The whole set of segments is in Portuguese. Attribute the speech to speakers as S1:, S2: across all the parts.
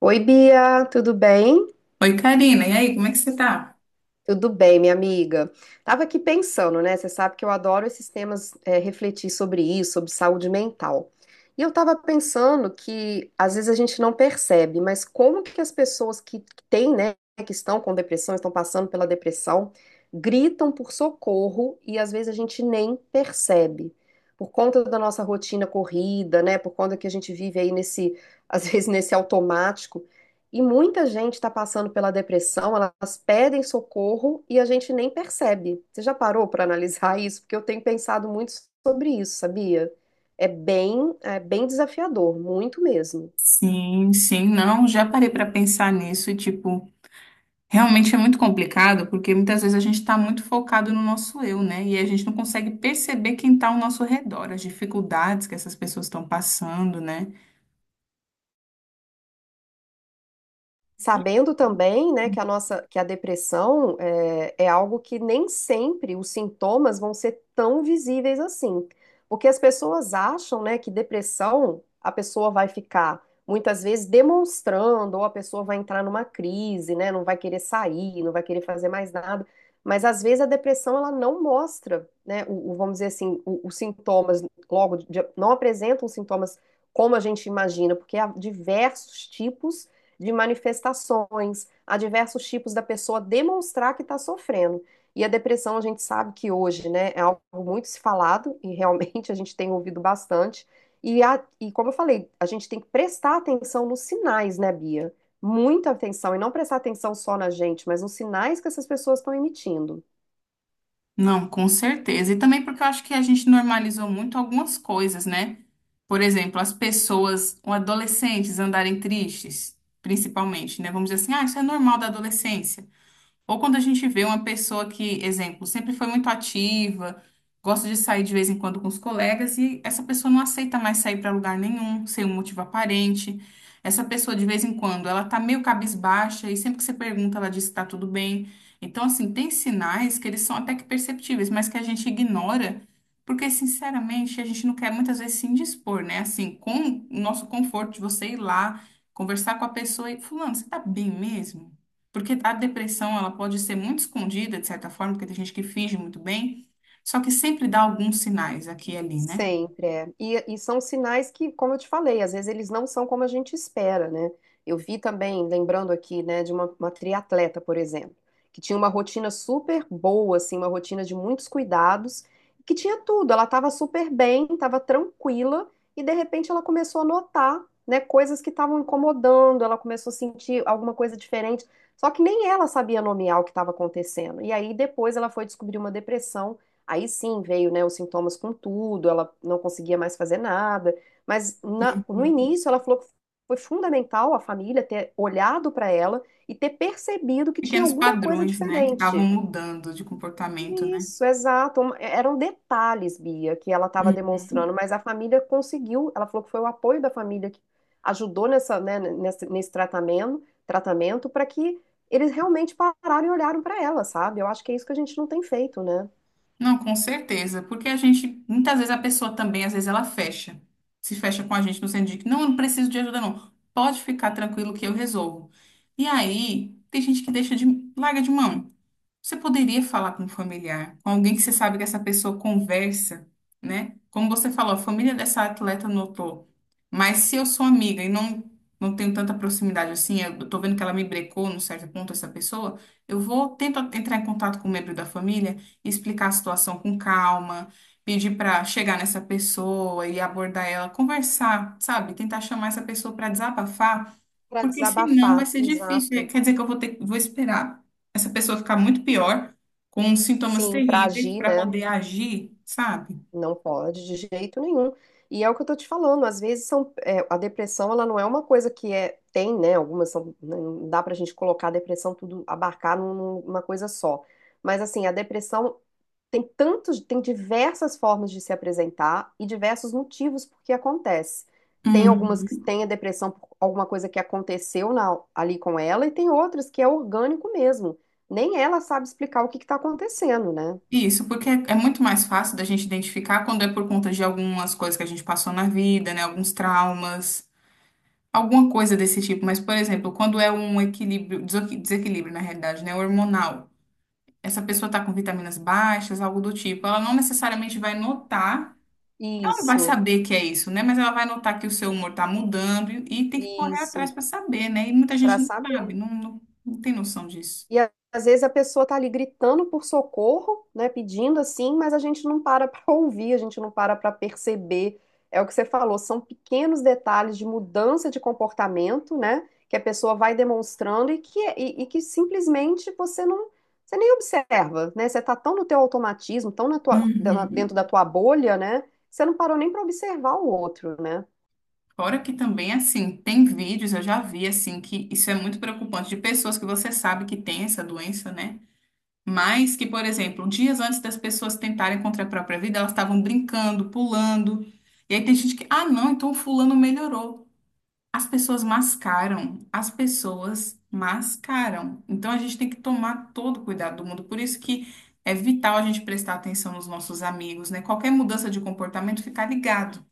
S1: Oi, Bia, tudo bem?
S2: Oi, Karina, e aí, como é que você tá?
S1: Tudo bem, minha amiga. Tava aqui pensando, né? Você sabe que eu adoro esses temas, refletir sobre isso, sobre saúde mental. E eu tava pensando que às vezes a gente não percebe, mas como que as pessoas que têm, né, que estão com depressão, estão passando pela depressão, gritam por socorro e às vezes a gente nem percebe. Por conta da nossa rotina corrida, né? Por conta que a gente vive aí nesse, às vezes nesse automático. E muita gente está passando pela depressão, elas pedem socorro e a gente nem percebe. Você já parou para analisar isso? Porque eu tenho pensado muito sobre isso, sabia? É bem desafiador, muito mesmo.
S2: Sim, sim, não, já parei para pensar nisso e, tipo, realmente é muito complicado, porque muitas vezes a gente está muito focado no nosso eu, né? E a gente não consegue perceber quem está ao nosso redor, as dificuldades que essas pessoas estão passando, né? E-
S1: Sabendo também, né, que a depressão é algo que nem sempre os sintomas vão ser tão visíveis assim. Porque as pessoas acham, né, que depressão a pessoa vai ficar muitas vezes demonstrando, ou a pessoa vai entrar numa crise, né, não vai querer sair, não vai querer fazer mais nada. Mas às vezes a depressão ela não mostra, né, vamos dizer assim, os sintomas logo, não apresentam os sintomas como a gente imagina, porque há diversos tipos de manifestações, há diversos tipos da pessoa demonstrar que está sofrendo. E a depressão, a gente sabe que hoje, né, é algo muito se falado e realmente a gente tem ouvido bastante. E como eu falei, a gente tem que prestar atenção nos sinais, né, Bia? Muita atenção e não prestar atenção só na gente, mas nos sinais que essas pessoas estão emitindo.
S2: Não, com certeza. E também porque eu acho que a gente normalizou muito algumas coisas, né? Por exemplo, as pessoas, ou adolescentes andarem tristes, principalmente, né? Vamos dizer assim, ah, isso é normal da adolescência. Ou quando a gente vê uma pessoa que, exemplo, sempre foi muito ativa, gosta de sair de vez em quando com os colegas e essa pessoa não aceita mais sair para lugar nenhum, sem um motivo aparente. Essa pessoa de vez em quando, ela tá meio cabisbaixa e sempre que você pergunta, ela diz que tá tudo bem. Então, assim, tem sinais que eles são até que perceptíveis, mas que a gente ignora, porque sinceramente, a gente não quer muitas vezes se indispor, né? Assim, com o nosso conforto de você ir lá, conversar com a pessoa e fulano, você tá bem mesmo? Porque a depressão, ela pode ser muito escondida, de certa forma, porque tem gente que finge muito bem, só que sempre dá alguns sinais aqui e ali, né?
S1: Sempre é. E são sinais que, como eu te falei, às vezes eles não são como a gente espera, né? Eu vi também, lembrando aqui, né, de uma triatleta, por exemplo, que tinha uma rotina super boa, assim, uma rotina de muitos cuidados, que tinha tudo. Ela estava super bem, estava tranquila, e de repente ela começou a notar, né, coisas que estavam incomodando, ela começou a sentir alguma coisa diferente. Só que nem ela sabia nomear o que estava acontecendo. E aí depois ela foi descobrir uma depressão. Aí sim veio, né, os sintomas com tudo, ela não conseguia mais fazer nada, mas no início ela falou que foi fundamental a família ter olhado para ela e ter percebido que tinha
S2: Pequenos
S1: alguma coisa
S2: padrões, né, que estavam
S1: diferente.
S2: mudando de comportamento, né?
S1: Isso, exato. Eram detalhes, Bia, que ela estava
S2: Uhum.
S1: demonstrando, mas a família conseguiu. Ela falou que foi o apoio da família que ajudou nessa, né, nesse tratamento, tratamento para que eles realmente pararam e olharam para ela, sabe? Eu acho que é isso que a gente não tem feito, né?
S2: Não, com certeza, porque a gente, muitas vezes a pessoa também, às vezes ela fecha, se fecha com a gente no sentido de que não, eu não preciso de ajuda, não, pode ficar tranquilo que eu resolvo. E aí, tem gente que deixa de, larga de mão. Você poderia falar com um familiar, com alguém que você sabe que essa pessoa conversa, né? Como você falou, a família dessa atleta notou. Mas se eu sou amiga e não, não tenho tanta proximidade assim, eu tô vendo que ela me brecou num certo ponto, essa pessoa, eu vou tentar entrar em contato com o membro da família, explicar a situação com calma, pedir para chegar nessa pessoa e abordar ela, conversar, sabe? Tentar chamar essa pessoa para desabafar.
S1: Para
S2: Porque senão vai
S1: desabafar,
S2: ser difícil.
S1: exato.
S2: Quer dizer que eu vou ter, vou esperar essa pessoa ficar muito pior, com sintomas
S1: Sim, para
S2: terríveis,
S1: agir,
S2: para
S1: né?
S2: poder agir, sabe?
S1: Não pode de jeito nenhum. E é o que eu tô te falando, às vezes, a depressão, ela não é uma coisa que é, tem, né? Algumas são, né? Não dá pra gente colocar a depressão tudo, abarcar numa coisa só. Mas assim, a depressão tem tantos, tem diversas formas de se apresentar e diversos motivos por que acontece. Tem algumas que
S2: Uhum.
S1: têm a depressão por alguma coisa que aconteceu ali com ela, e tem outras que é orgânico mesmo. Nem ela sabe explicar o que está acontecendo, né?
S2: Isso, porque é, é muito mais fácil da gente identificar quando é por conta de algumas coisas que a gente passou na vida, né? Alguns traumas, alguma coisa desse tipo. Mas, por exemplo, quando é um equilíbrio, desequilíbrio, na realidade, né? Hormonal. Essa pessoa tá com vitaminas baixas, algo do tipo. Ela não necessariamente vai notar. Ela não vai
S1: Isso,
S2: saber que é isso, né? Mas ela vai notar que o seu humor está mudando e tem que correr atrás
S1: isso,
S2: para saber, né? E muita gente
S1: para
S2: não sabe,
S1: saber.
S2: não tem noção disso.
S1: E às vezes a pessoa tá ali gritando por socorro, né, pedindo assim, mas a gente não para para ouvir, a gente não para para perceber. É o que você falou, são pequenos detalhes de mudança de comportamento, né, que a pessoa vai demonstrando e e que simplesmente você não, você nem observa, né? Você tá tão no teu automatismo, tão na dentro
S2: Uhum.
S1: da tua bolha, né? Você não parou nem para observar o outro, né?
S2: Fora que também, assim, tem vídeos, eu já vi, assim, que isso é muito preocupante, de pessoas que você sabe que tem essa doença, né? Mas que, por exemplo, dias antes das pessoas tentarem contra a própria vida, elas estavam brincando, pulando. E aí tem gente que, ah, não, então fulano melhorou. As pessoas mascaram, as pessoas mascaram. Então a gente tem que tomar todo o cuidado do mundo. Por isso que é vital a gente prestar atenção nos nossos amigos, né? Qualquer mudança de comportamento, ficar ligado.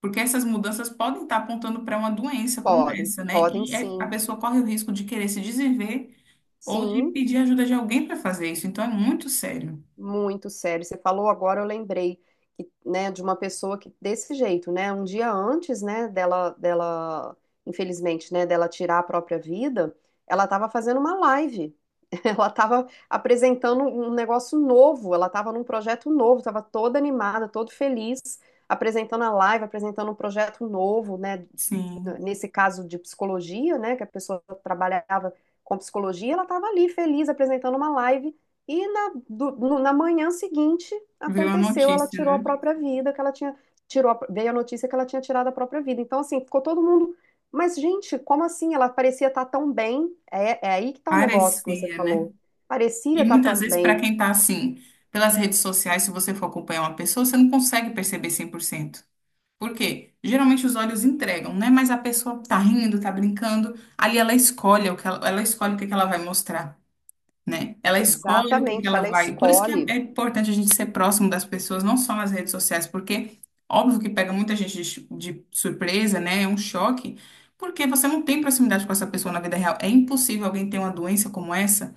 S2: Porque essas mudanças podem estar apontando para uma doença como
S1: Podem,
S2: essa, né?
S1: podem
S2: A
S1: sim,
S2: pessoa corre o risco de querer se desviver ou de
S1: sim.
S2: pedir ajuda de alguém para fazer isso. Então é muito sério.
S1: Muito sério. Você falou agora, eu lembrei que, né, de uma pessoa que desse jeito, né, um dia antes, né, infelizmente, né, dela tirar a própria vida, ela estava fazendo uma live. Ela estava apresentando um negócio novo, ela estava num projeto novo, estava toda animada, todo feliz, apresentando a live, apresentando um projeto novo, né,
S2: Sim,
S1: nesse caso de psicologia, né, que a pessoa trabalhava com psicologia, ela estava ali feliz apresentando uma live e na, do- no- na manhã seguinte
S2: viu a
S1: aconteceu, ela
S2: notícia,
S1: tirou a
S2: né?
S1: própria vida, que ela tinha veio a notícia que ela tinha tirado a própria vida. Então assim, ficou todo mundo, mas gente, como assim? Ela parecia estar tão bem. É aí que está o negócio que você
S2: Parecia, né?
S1: falou. Parecia
S2: E
S1: estar
S2: muitas
S1: tão
S2: vezes, para
S1: bem.
S2: quem está assim, pelas redes sociais, se você for acompanhar uma pessoa, você não consegue perceber 100%. Por cento. Por quê? Geralmente os olhos entregam, né? Mas a pessoa tá rindo, tá brincando, ali ela escolhe o que ela escolhe o que que ela vai mostrar, né? Ela escolhe o que que
S1: Exatamente,
S2: ela
S1: ela
S2: vai. Por isso que é
S1: escolhe,
S2: importante a gente ser próximo das pessoas, não só nas redes sociais, porque óbvio que pega muita gente de surpresa, né? É um choque, porque você não tem proximidade com essa pessoa na vida real. É impossível alguém ter uma doença como essa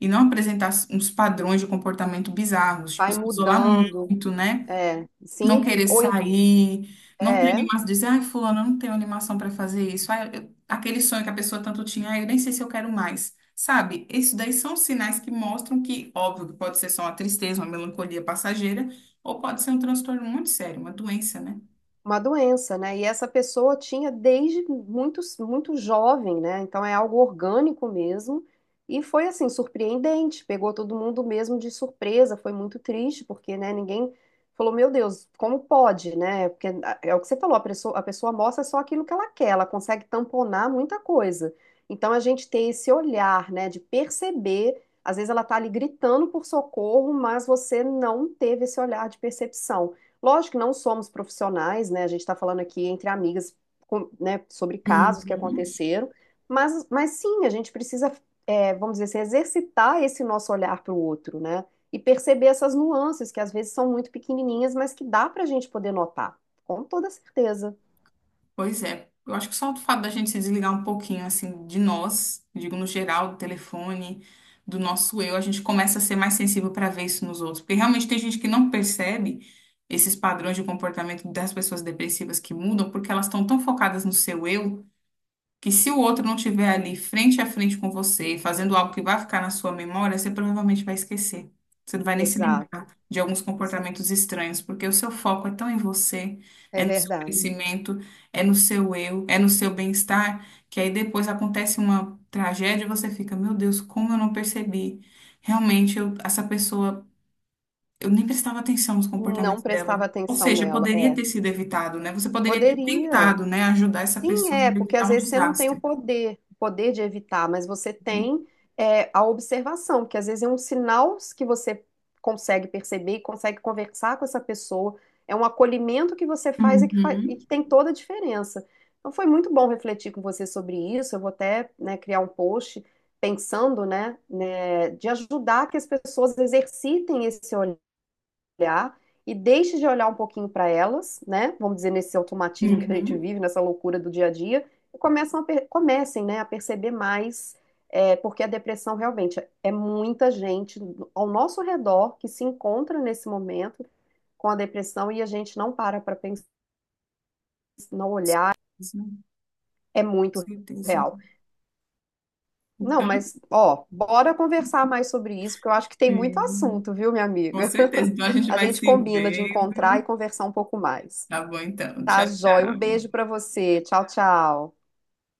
S2: e não apresentar uns padrões de comportamento bizarros, tipo,
S1: vai
S2: se isolar
S1: mudando.
S2: muito, né?
S1: É,
S2: Não
S1: sim,
S2: querer
S1: ou em-
S2: sair, não ter
S1: é,
S2: animação, dizer, ai, fulano, eu não tenho animação para fazer isso. Ai, aquele sonho que a pessoa tanto tinha, ai, eu nem sei se eu quero mais. Sabe? Isso daí são sinais que mostram que, óbvio, que pode ser só uma tristeza, uma melancolia passageira, ou pode ser um transtorno muito sério, uma doença, né?
S1: uma doença, né? E essa pessoa tinha desde muito, muito jovem, né? Então é algo orgânico mesmo. E foi assim, surpreendente, pegou todo mundo mesmo de surpresa, foi muito triste, porque, né, ninguém falou, meu Deus, como pode, né? Porque ah, é o que você falou, a pessoa mostra só aquilo que ela quer, ela consegue tamponar muita coisa. Então a gente tem esse olhar, né, de perceber, às vezes ela tá ali gritando por socorro, mas você não teve esse olhar de percepção. Lógico que não somos profissionais, né? A gente está falando aqui entre amigas, né, sobre casos que
S2: Uhum.
S1: aconteceram, mas sim, a gente precisa, é, vamos dizer assim, exercitar esse nosso olhar para o outro, né? E perceber essas nuances que às vezes são muito pequenininhas, mas que dá para a gente poder notar, com toda certeza.
S2: Pois é, eu acho que só o fato da gente se desligar um pouquinho, assim, de nós, digo no geral, do telefone, do nosso eu, a gente começa a ser mais sensível para ver isso nos outros. Porque realmente tem gente que não percebe esses padrões de comportamento das pessoas depressivas que mudam, porque elas estão tão focadas no seu eu que se o outro não tiver ali frente a frente com você, fazendo algo que vai ficar na sua memória, você provavelmente vai esquecer. Você não vai nem se lembrar
S1: Exato,
S2: de alguns
S1: isso
S2: comportamentos estranhos, porque o seu foco é tão em você, é
S1: é
S2: no seu
S1: verdade.
S2: crescimento, é no seu eu, é no seu bem-estar, que aí depois acontece uma tragédia e você fica, meu Deus, como eu não percebi? Realmente, essa pessoa, eu nem prestava atenção nos
S1: Não
S2: comportamentos dela.
S1: prestava
S2: Ou
S1: atenção
S2: seja,
S1: nela,
S2: poderia
S1: é.
S2: ter sido evitado, né? Você poderia ter
S1: Poderia.
S2: tentado, né, ajudar essa
S1: Sim,
S2: pessoa
S1: é,
S2: a
S1: porque
S2: evitar
S1: às
S2: um
S1: vezes você não tem
S2: desastre.
S1: o poder de evitar, mas você tem é, a observação, que às vezes é um sinal que você consegue perceber e consegue conversar com essa pessoa, é um acolhimento que você faz e e
S2: Uhum,
S1: que tem toda a diferença. Então foi muito bom refletir com você sobre isso, eu vou até, né, criar um post pensando, né, de ajudar que as pessoas exercitem esse olhar e deixe de olhar um pouquinho para elas, né? Vamos dizer, nesse automatismo que a gente
S2: uhum.
S1: vive, nessa loucura do dia a dia, e comecem, né, a perceber mais, é, porque a depressão realmente é muita gente ao nosso redor que se encontra nesse momento com a depressão e a gente não para para pensar, não olhar, é muito
S2: Certeza,
S1: real.
S2: certeza.
S1: Não,
S2: Então,
S1: mas, ó, bora conversar mais sobre isso, porque eu acho que tem muito
S2: hum,
S1: assunto, viu, minha
S2: com
S1: amiga?
S2: certeza. Então a gente
S1: A
S2: vai
S1: gente
S2: se
S1: combina de
S2: vendo.
S1: encontrar e conversar um pouco mais.
S2: Tá bom, então.
S1: Tá,
S2: Tchau,
S1: joia.
S2: tchau.
S1: Um beijo pra você. Tchau, tchau.